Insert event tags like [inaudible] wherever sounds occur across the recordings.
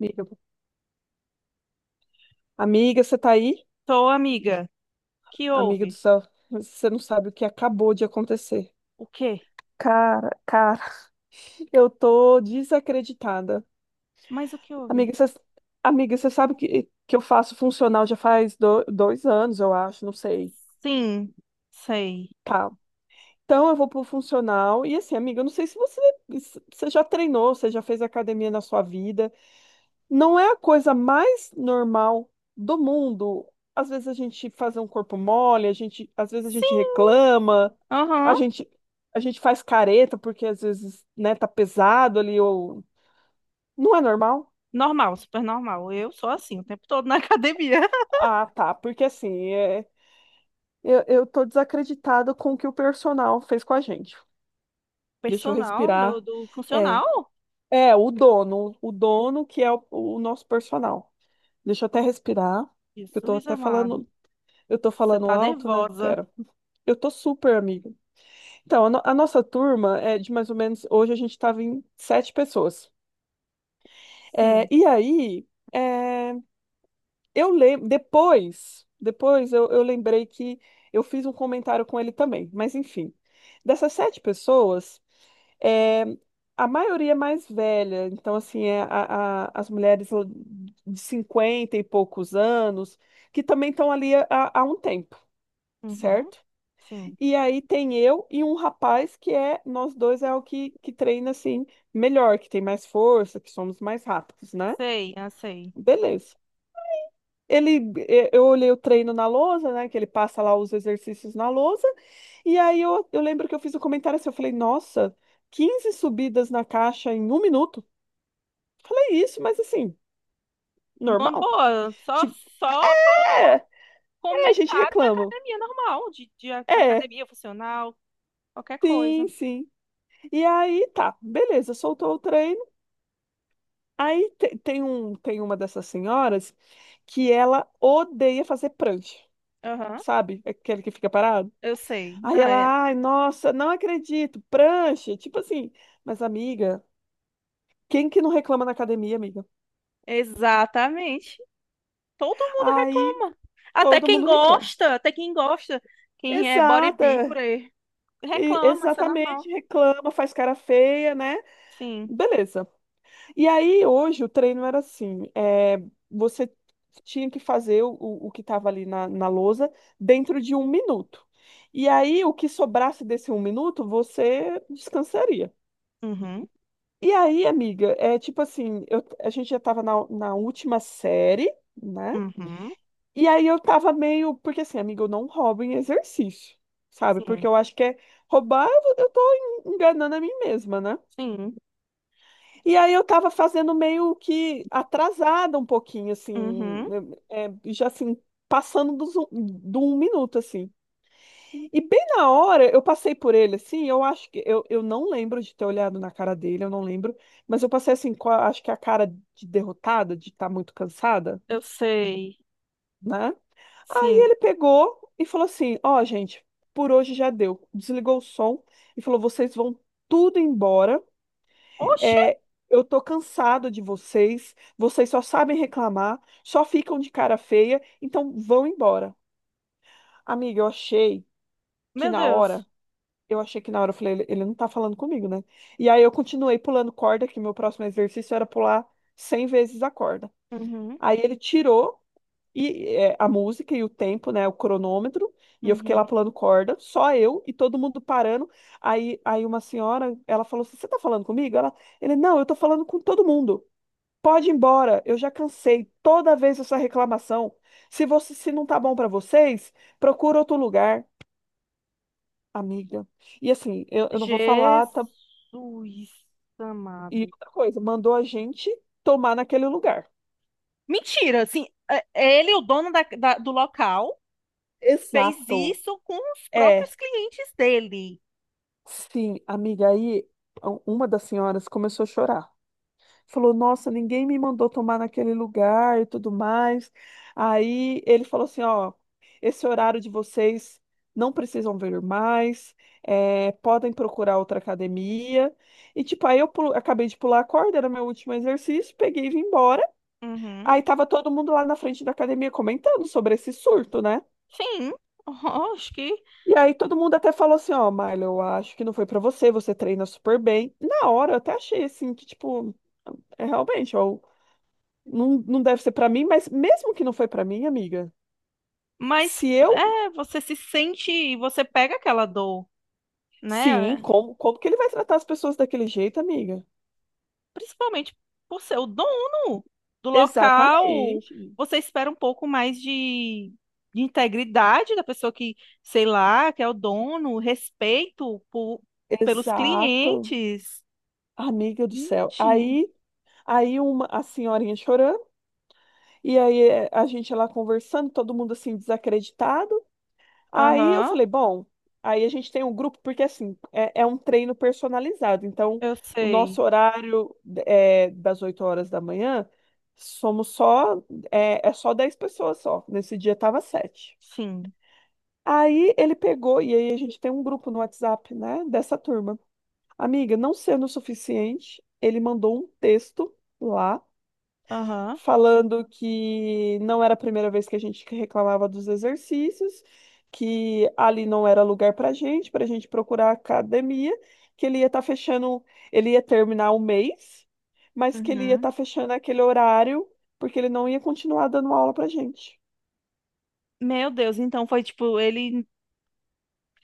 Amiga, amiga, você tá aí? Tô, amiga. Que Amiga do houve? céu, você não sabe o que acabou de acontecer. O quê? Cara, [laughs] Eu tô desacreditada. Mas o que Amiga, houve? você, amiga, você sabe que eu faço funcional já faz 2 anos, eu acho, não sei. Sim, sei. Tá. Então eu vou pro funcional. E assim, amiga, eu não sei se você, você já treinou, você já fez academia na sua vida. Não é a coisa mais normal do mundo. Às vezes a gente faz um corpo mole, às vezes a gente Sim, reclama, a aham. gente, a gente faz careta porque às vezes, né, tá pesado ali ou não é normal? Normal, super normal. Eu sou assim o tempo todo na [laughs] academia. Ah, tá, porque assim, eu tô desacreditada com o que o personal fez com a gente. Deixa eu Personal do, respirar. do É, funcional? é o dono que é o nosso personal. Deixa eu até respirar, que eu tô Jesus até amado. falando, eu tô Você falando tá alto, né? nervosa. Pera. Eu tô super amiga. Então, a, no- a nossa turma é de mais ou menos. Hoje a gente tava em sete pessoas. É, Sim. e aí, é, eu lembro. Depois, eu lembrei que eu fiz um comentário com ele também. Mas enfim, dessas sete pessoas, é, a maioria é mais velha. Então, assim, as mulheres de 50 e poucos anos, que também estão ali há um tempo, Uhum. certo? Sim. E aí tem eu e um rapaz que é, nós dois é o que treina assim melhor, que tem mais força, que somos mais rápidos, né? Sei, eu sei. Beleza. Ele, eu olhei o treino na lousa, né? Que ele passa lá os exercícios na lousa. E aí eu lembro que eu fiz um comentário assim, eu falei, nossa, 15 subidas na caixa em 1 minuto. Falei isso, mas assim, Numa normal. boa, só, Tipo, só fa- é, é, a gente comentário de reclama. academia normal, de É, academia funcional, qualquer sim, coisa. sim. E aí tá, beleza, soltou o treino. Tem um, tem uma dessas senhoras que ela odeia fazer prancha, Aham. sabe? Aquele que fica parado. Eu sei. Aí Ah. ela, É. ai, nossa, não acredito, prancha, tipo assim. Mas amiga, quem que não reclama na academia, amiga? Exatamente. Todo mundo Aí reclama. Até todo quem mundo reclama. gosta, até quem gosta, quem é Exata, bodybuilder, e- reclama, isso é exatamente, normal. reclama, faz cara feia, né? Sim. Beleza. E aí, hoje, o treino era assim: você tinha que fazer o que estava ali na lousa dentro de 1 minuto. E aí, o que sobrasse desse 1 minuto, você descansaria. Uhum, E aí, amiga, é tipo assim: a gente já estava na última série, né? uhum, E aí eu tava meio. Porque assim, amiga, eu não roubo em exercício, sabe? Porque sim, eu acho que é roubar, eu tô enganando a mim mesma, né? sim, E aí eu estava fazendo meio que atrasada um pouquinho, assim, uhum. Já assim, passando do 1 minuto, assim. E bem na hora eu passei por ele, assim, eu acho que, eu não lembro de ter olhado na cara dele, eu não lembro, mas eu passei assim, acho que a cara de derrotada, de estar muito cansada, Eu sei. né? Aí Sim. ele pegou e falou assim, ó, gente, por hoje já deu. Desligou o som e falou, vocês vão tudo embora, Oxe, é, eu tô cansado de vocês, vocês só sabem reclamar, só ficam de cara feia, então vão embora. Amiga, eu achei que meu na hora, Deus. eu achei que na hora eu falei, ele não tá falando comigo, né? E aí eu continuei pulando corda, que meu próximo exercício era pular 100 vezes a corda. Uhum, Aí ele tirou e a música e o tempo, né, o cronômetro, e eu fiquei lá uhum. pulando corda, só eu e todo mundo parando. Aí, uma senhora, ela falou assim: "Você tá falando comigo?" Ela, ele, não, eu tô falando com todo mundo. Pode ir embora, eu já cansei toda vez essa reclamação. Se você, se não tá bom para vocês, procura outro lugar, amiga. E assim, eu não vou falar, Jesus tá- E amado. outra coisa, mandou a gente tomar naquele lugar. Mentira, assim, é ele, o dono do local, fez Exato. isso com os É, próprios clientes dele. sim, amiga, aí uma das senhoras começou a chorar. Falou, nossa, ninguém me mandou tomar naquele lugar e tudo mais. Aí ele falou assim: ó, esse horário de vocês não precisam vir mais, podem procurar outra academia. E tipo, acabei de pular a corda, era meu último exercício, peguei e vim embora. Uhum. Aí tava todo mundo lá na frente da academia comentando sobre esse surto, né? Sim, [laughs] acho que. E aí todo mundo até falou assim: ó, Marla, eu acho que não foi pra você, você treina super bem. Na hora eu até achei assim que, tipo, é realmente, ó. Não, não deve ser pra mim, mas mesmo que não foi pra mim, amiga, Mas se eu. é, você se sente, você pega aquela dor, Sim, né? como que ele vai tratar as pessoas daquele jeito, amiga? Principalmente por ser o dono do local, Exatamente. você espera um pouco mais de integridade da pessoa que, sei lá, que é o dono, respeito por, pelos Exato. clientes. Amiga do céu. Gente, Aí, a senhorinha chorando, e aí a gente lá conversando, todo mundo assim desacreditado. Aí eu aham, falei, bom, aí a gente tem um grupo, porque assim, é um treino personalizado. Então, eu o sei, nosso horário é das 8 horas da manhã, somos só, é só 10 pessoas só. Nesse dia tava 7. sim, Aí ele pegou, e aí a gente tem um grupo no WhatsApp, né, dessa turma. Amiga, não sendo o suficiente, ele mandou um texto lá aham, falando que não era a primeira vez que a gente reclamava dos exercícios, que ali não era lugar para gente, para a gente procurar academia, que ele ia estar fechando, ele ia terminar o mês, mas que ele ia uhum. estar fechando aquele horário, porque ele não ia continuar dando aula para gente. Meu Deus, então foi tipo, ele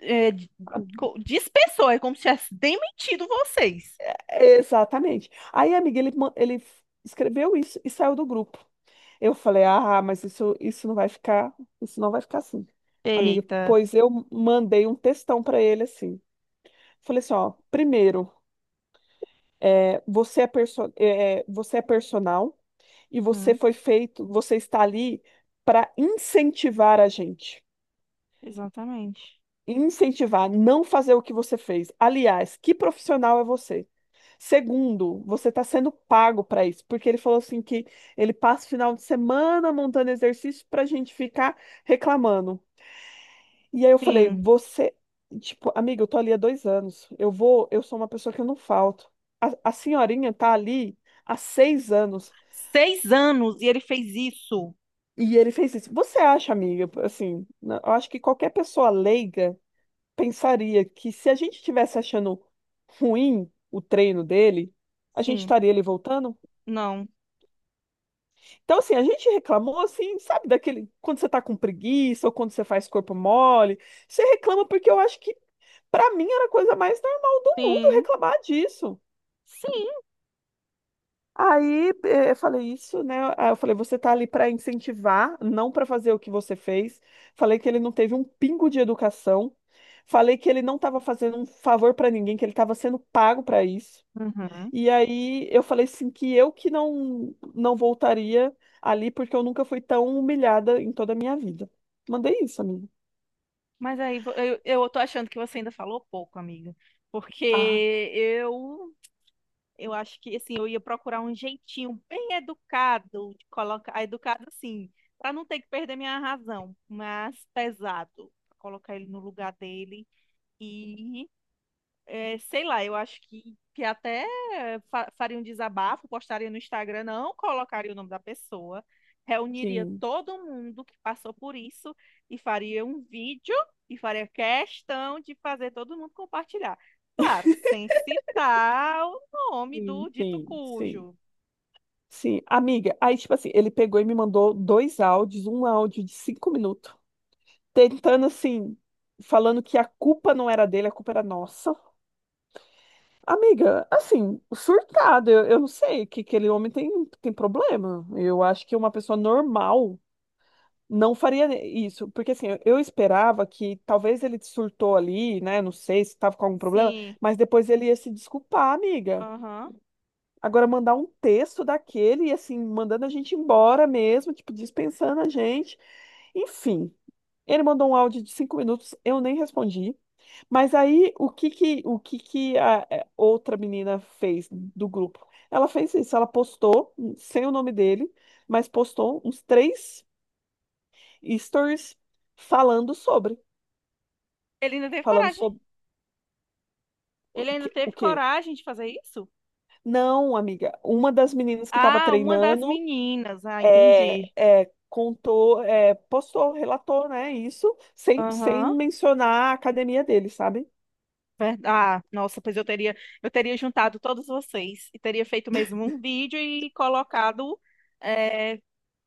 é, d- dispensou, é como se tivesse demitido vocês. Exatamente. Aí, amiga, ele escreveu isso e saiu do grupo. Eu falei, ah, mas isso, isso não vai ficar assim. Amiga, Eita. pois eu mandei um textão para ele assim. Falei assim, ó, primeiro, você é personal e você Hum, foi feito, você está ali para incentivar a gente. exatamente. Incentivar, não fazer o que você fez. Aliás, que profissional é você? Segundo, você está sendo pago para isso, porque ele falou assim que ele passa o final de semana montando exercício para a gente ficar reclamando. E aí eu falei, Sim. você, tipo, amiga, eu tô ali há 2 anos. Eu vou, eu sou uma pessoa que eu não falto. A senhorinha tá ali há 6 anos. 6 anos e ele fez isso. E ele fez isso. Você acha, amiga, assim, eu acho que qualquer pessoa leiga pensaria que se a gente estivesse achando ruim o treino dele, a gente Sim, estaria ali voltando? não. Então, assim, a gente reclamou, assim, sabe, daquele, quando você tá com preguiça ou quando você faz corpo mole, você reclama porque eu acho que para mim era a coisa mais normal do mundo Sim, reclamar disso. sim. Aí eu falei isso, né? Aí eu falei, você tá ali para incentivar, não para fazer o que você fez. Falei que ele não teve um pingo de educação. Falei que ele não estava fazendo um favor para ninguém, que ele estava sendo pago para isso. Uhum. E aí eu falei assim que eu que não voltaria ali porque eu nunca fui tão humilhada em toda a minha vida. Mandei isso, amigo. Mas aí eu tô achando que você ainda falou pouco, amiga. Porque Ah, eu eu acho que assim, eu ia procurar um jeitinho bem educado de colocar, educado assim, para não ter que perder minha razão, mas pesado, pra colocar ele no lugar dele. E, é, sei lá, eu acho que até fa faria um desabafo, postaria no Instagram, não colocaria o nome da pessoa, reuniria sim, todo mundo que passou por isso e faria um vídeo e faria questão de fazer todo mundo compartilhar. Claro, sem citar o nome sim, do dito sim, sim. cujo. Sim, amiga. Aí, tipo assim, ele pegou e me mandou dois áudios, um áudio de 5 minutos, tentando assim, falando que a culpa não era dele, a culpa era nossa. Amiga, assim, surtado, eu não sei, que aquele homem tem, tem problema. Eu acho que uma pessoa normal não faria isso, porque assim, eu esperava que talvez ele surtou ali, né? Não sei se estava com algum problema, Sim, mas depois ele ia se desculpar, amiga. aham. Agora, mandar um texto daquele, e assim, mandando a gente embora mesmo, tipo, dispensando a gente. Enfim, ele mandou um áudio de 5 minutos, eu nem respondi. Mas aí, o que que a outra menina fez do grupo? Ela fez isso, ela postou, sem o nome dele, mas postou uns três stories falando sobre, Ele ainda teve falando coragem? sobre o Ele ainda que, o teve quê? coragem de fazer isso? Não, amiga, uma das meninas que estava Ah, uma das treinando meninas. Ah, é, entendi. Contou, postou, relatou, né? Isso sem, sem Aham. mencionar a academia dele, sabe? Ah, nossa, pois eu teria juntado todos vocês e teria feito mesmo um vídeo e colocado é,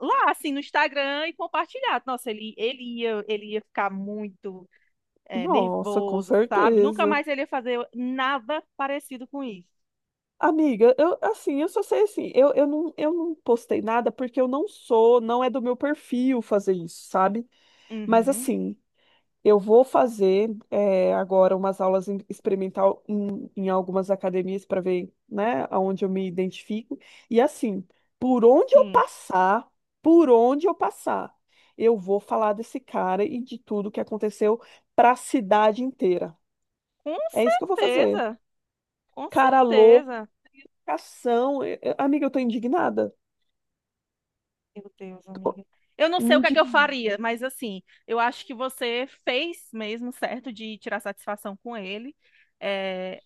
lá, assim, no Instagram e compartilhado. Nossa, ele ia ficar muito Nossa, com nervoso, sabe? Nunca certeza. mais ele ia fazer nada parecido com isso. Amiga, eu assim, eu só sei assim, eu, eu não postei nada porque eu não sou, não é do meu perfil fazer isso, sabe? Mas Uhum, assim, eu vou fazer agora umas aulas experimental em algumas academias para ver, né, aonde eu me identifico. E assim, por onde eu sim, passar, por onde eu passar, eu vou falar desse cara e de tudo que aconteceu para a cidade inteira. com É isso que eu vou fazer. certeza, com Cara loucação. certeza. Amiga, eu tô indignada. Meu Deus, amiga. Eu não Tô. sei o que é que eu faria, mas assim, eu acho que você fez mesmo certo de tirar satisfação com ele. É,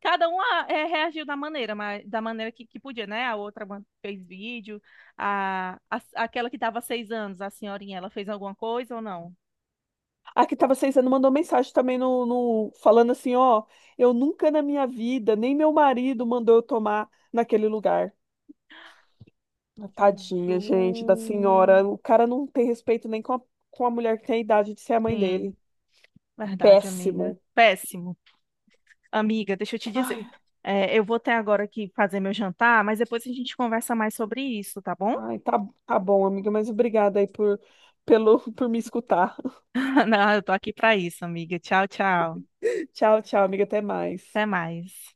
cada um reagiu da maneira que podia, né? A outra fez vídeo, aquela que estava 6 anos, a senhorinha, ela fez alguma coisa ou não? A que estava 6 anos mandou mensagem também falando assim, ó, eu nunca na minha vida, nem meu marido mandou eu tomar naquele lugar. Ah, Jesus. tadinha, gente, da senhora. O cara não tem respeito nem com a, com a mulher que tem a idade de ser a mãe Sim, dele. verdade, amiga. Péssimo. Péssimo. Amiga, deixa eu te Ai, dizer. É, eu vou até agora aqui fazer meu jantar, mas depois a gente conversa mais sobre isso, tá bom? Tá, tá bom, amiga, mas obrigada aí por, pelo, [laughs] por me escutar. [laughs] Não, eu tô aqui pra isso, amiga. Tchau, tchau. Tchau, tchau, amiga, até mais. Até mais.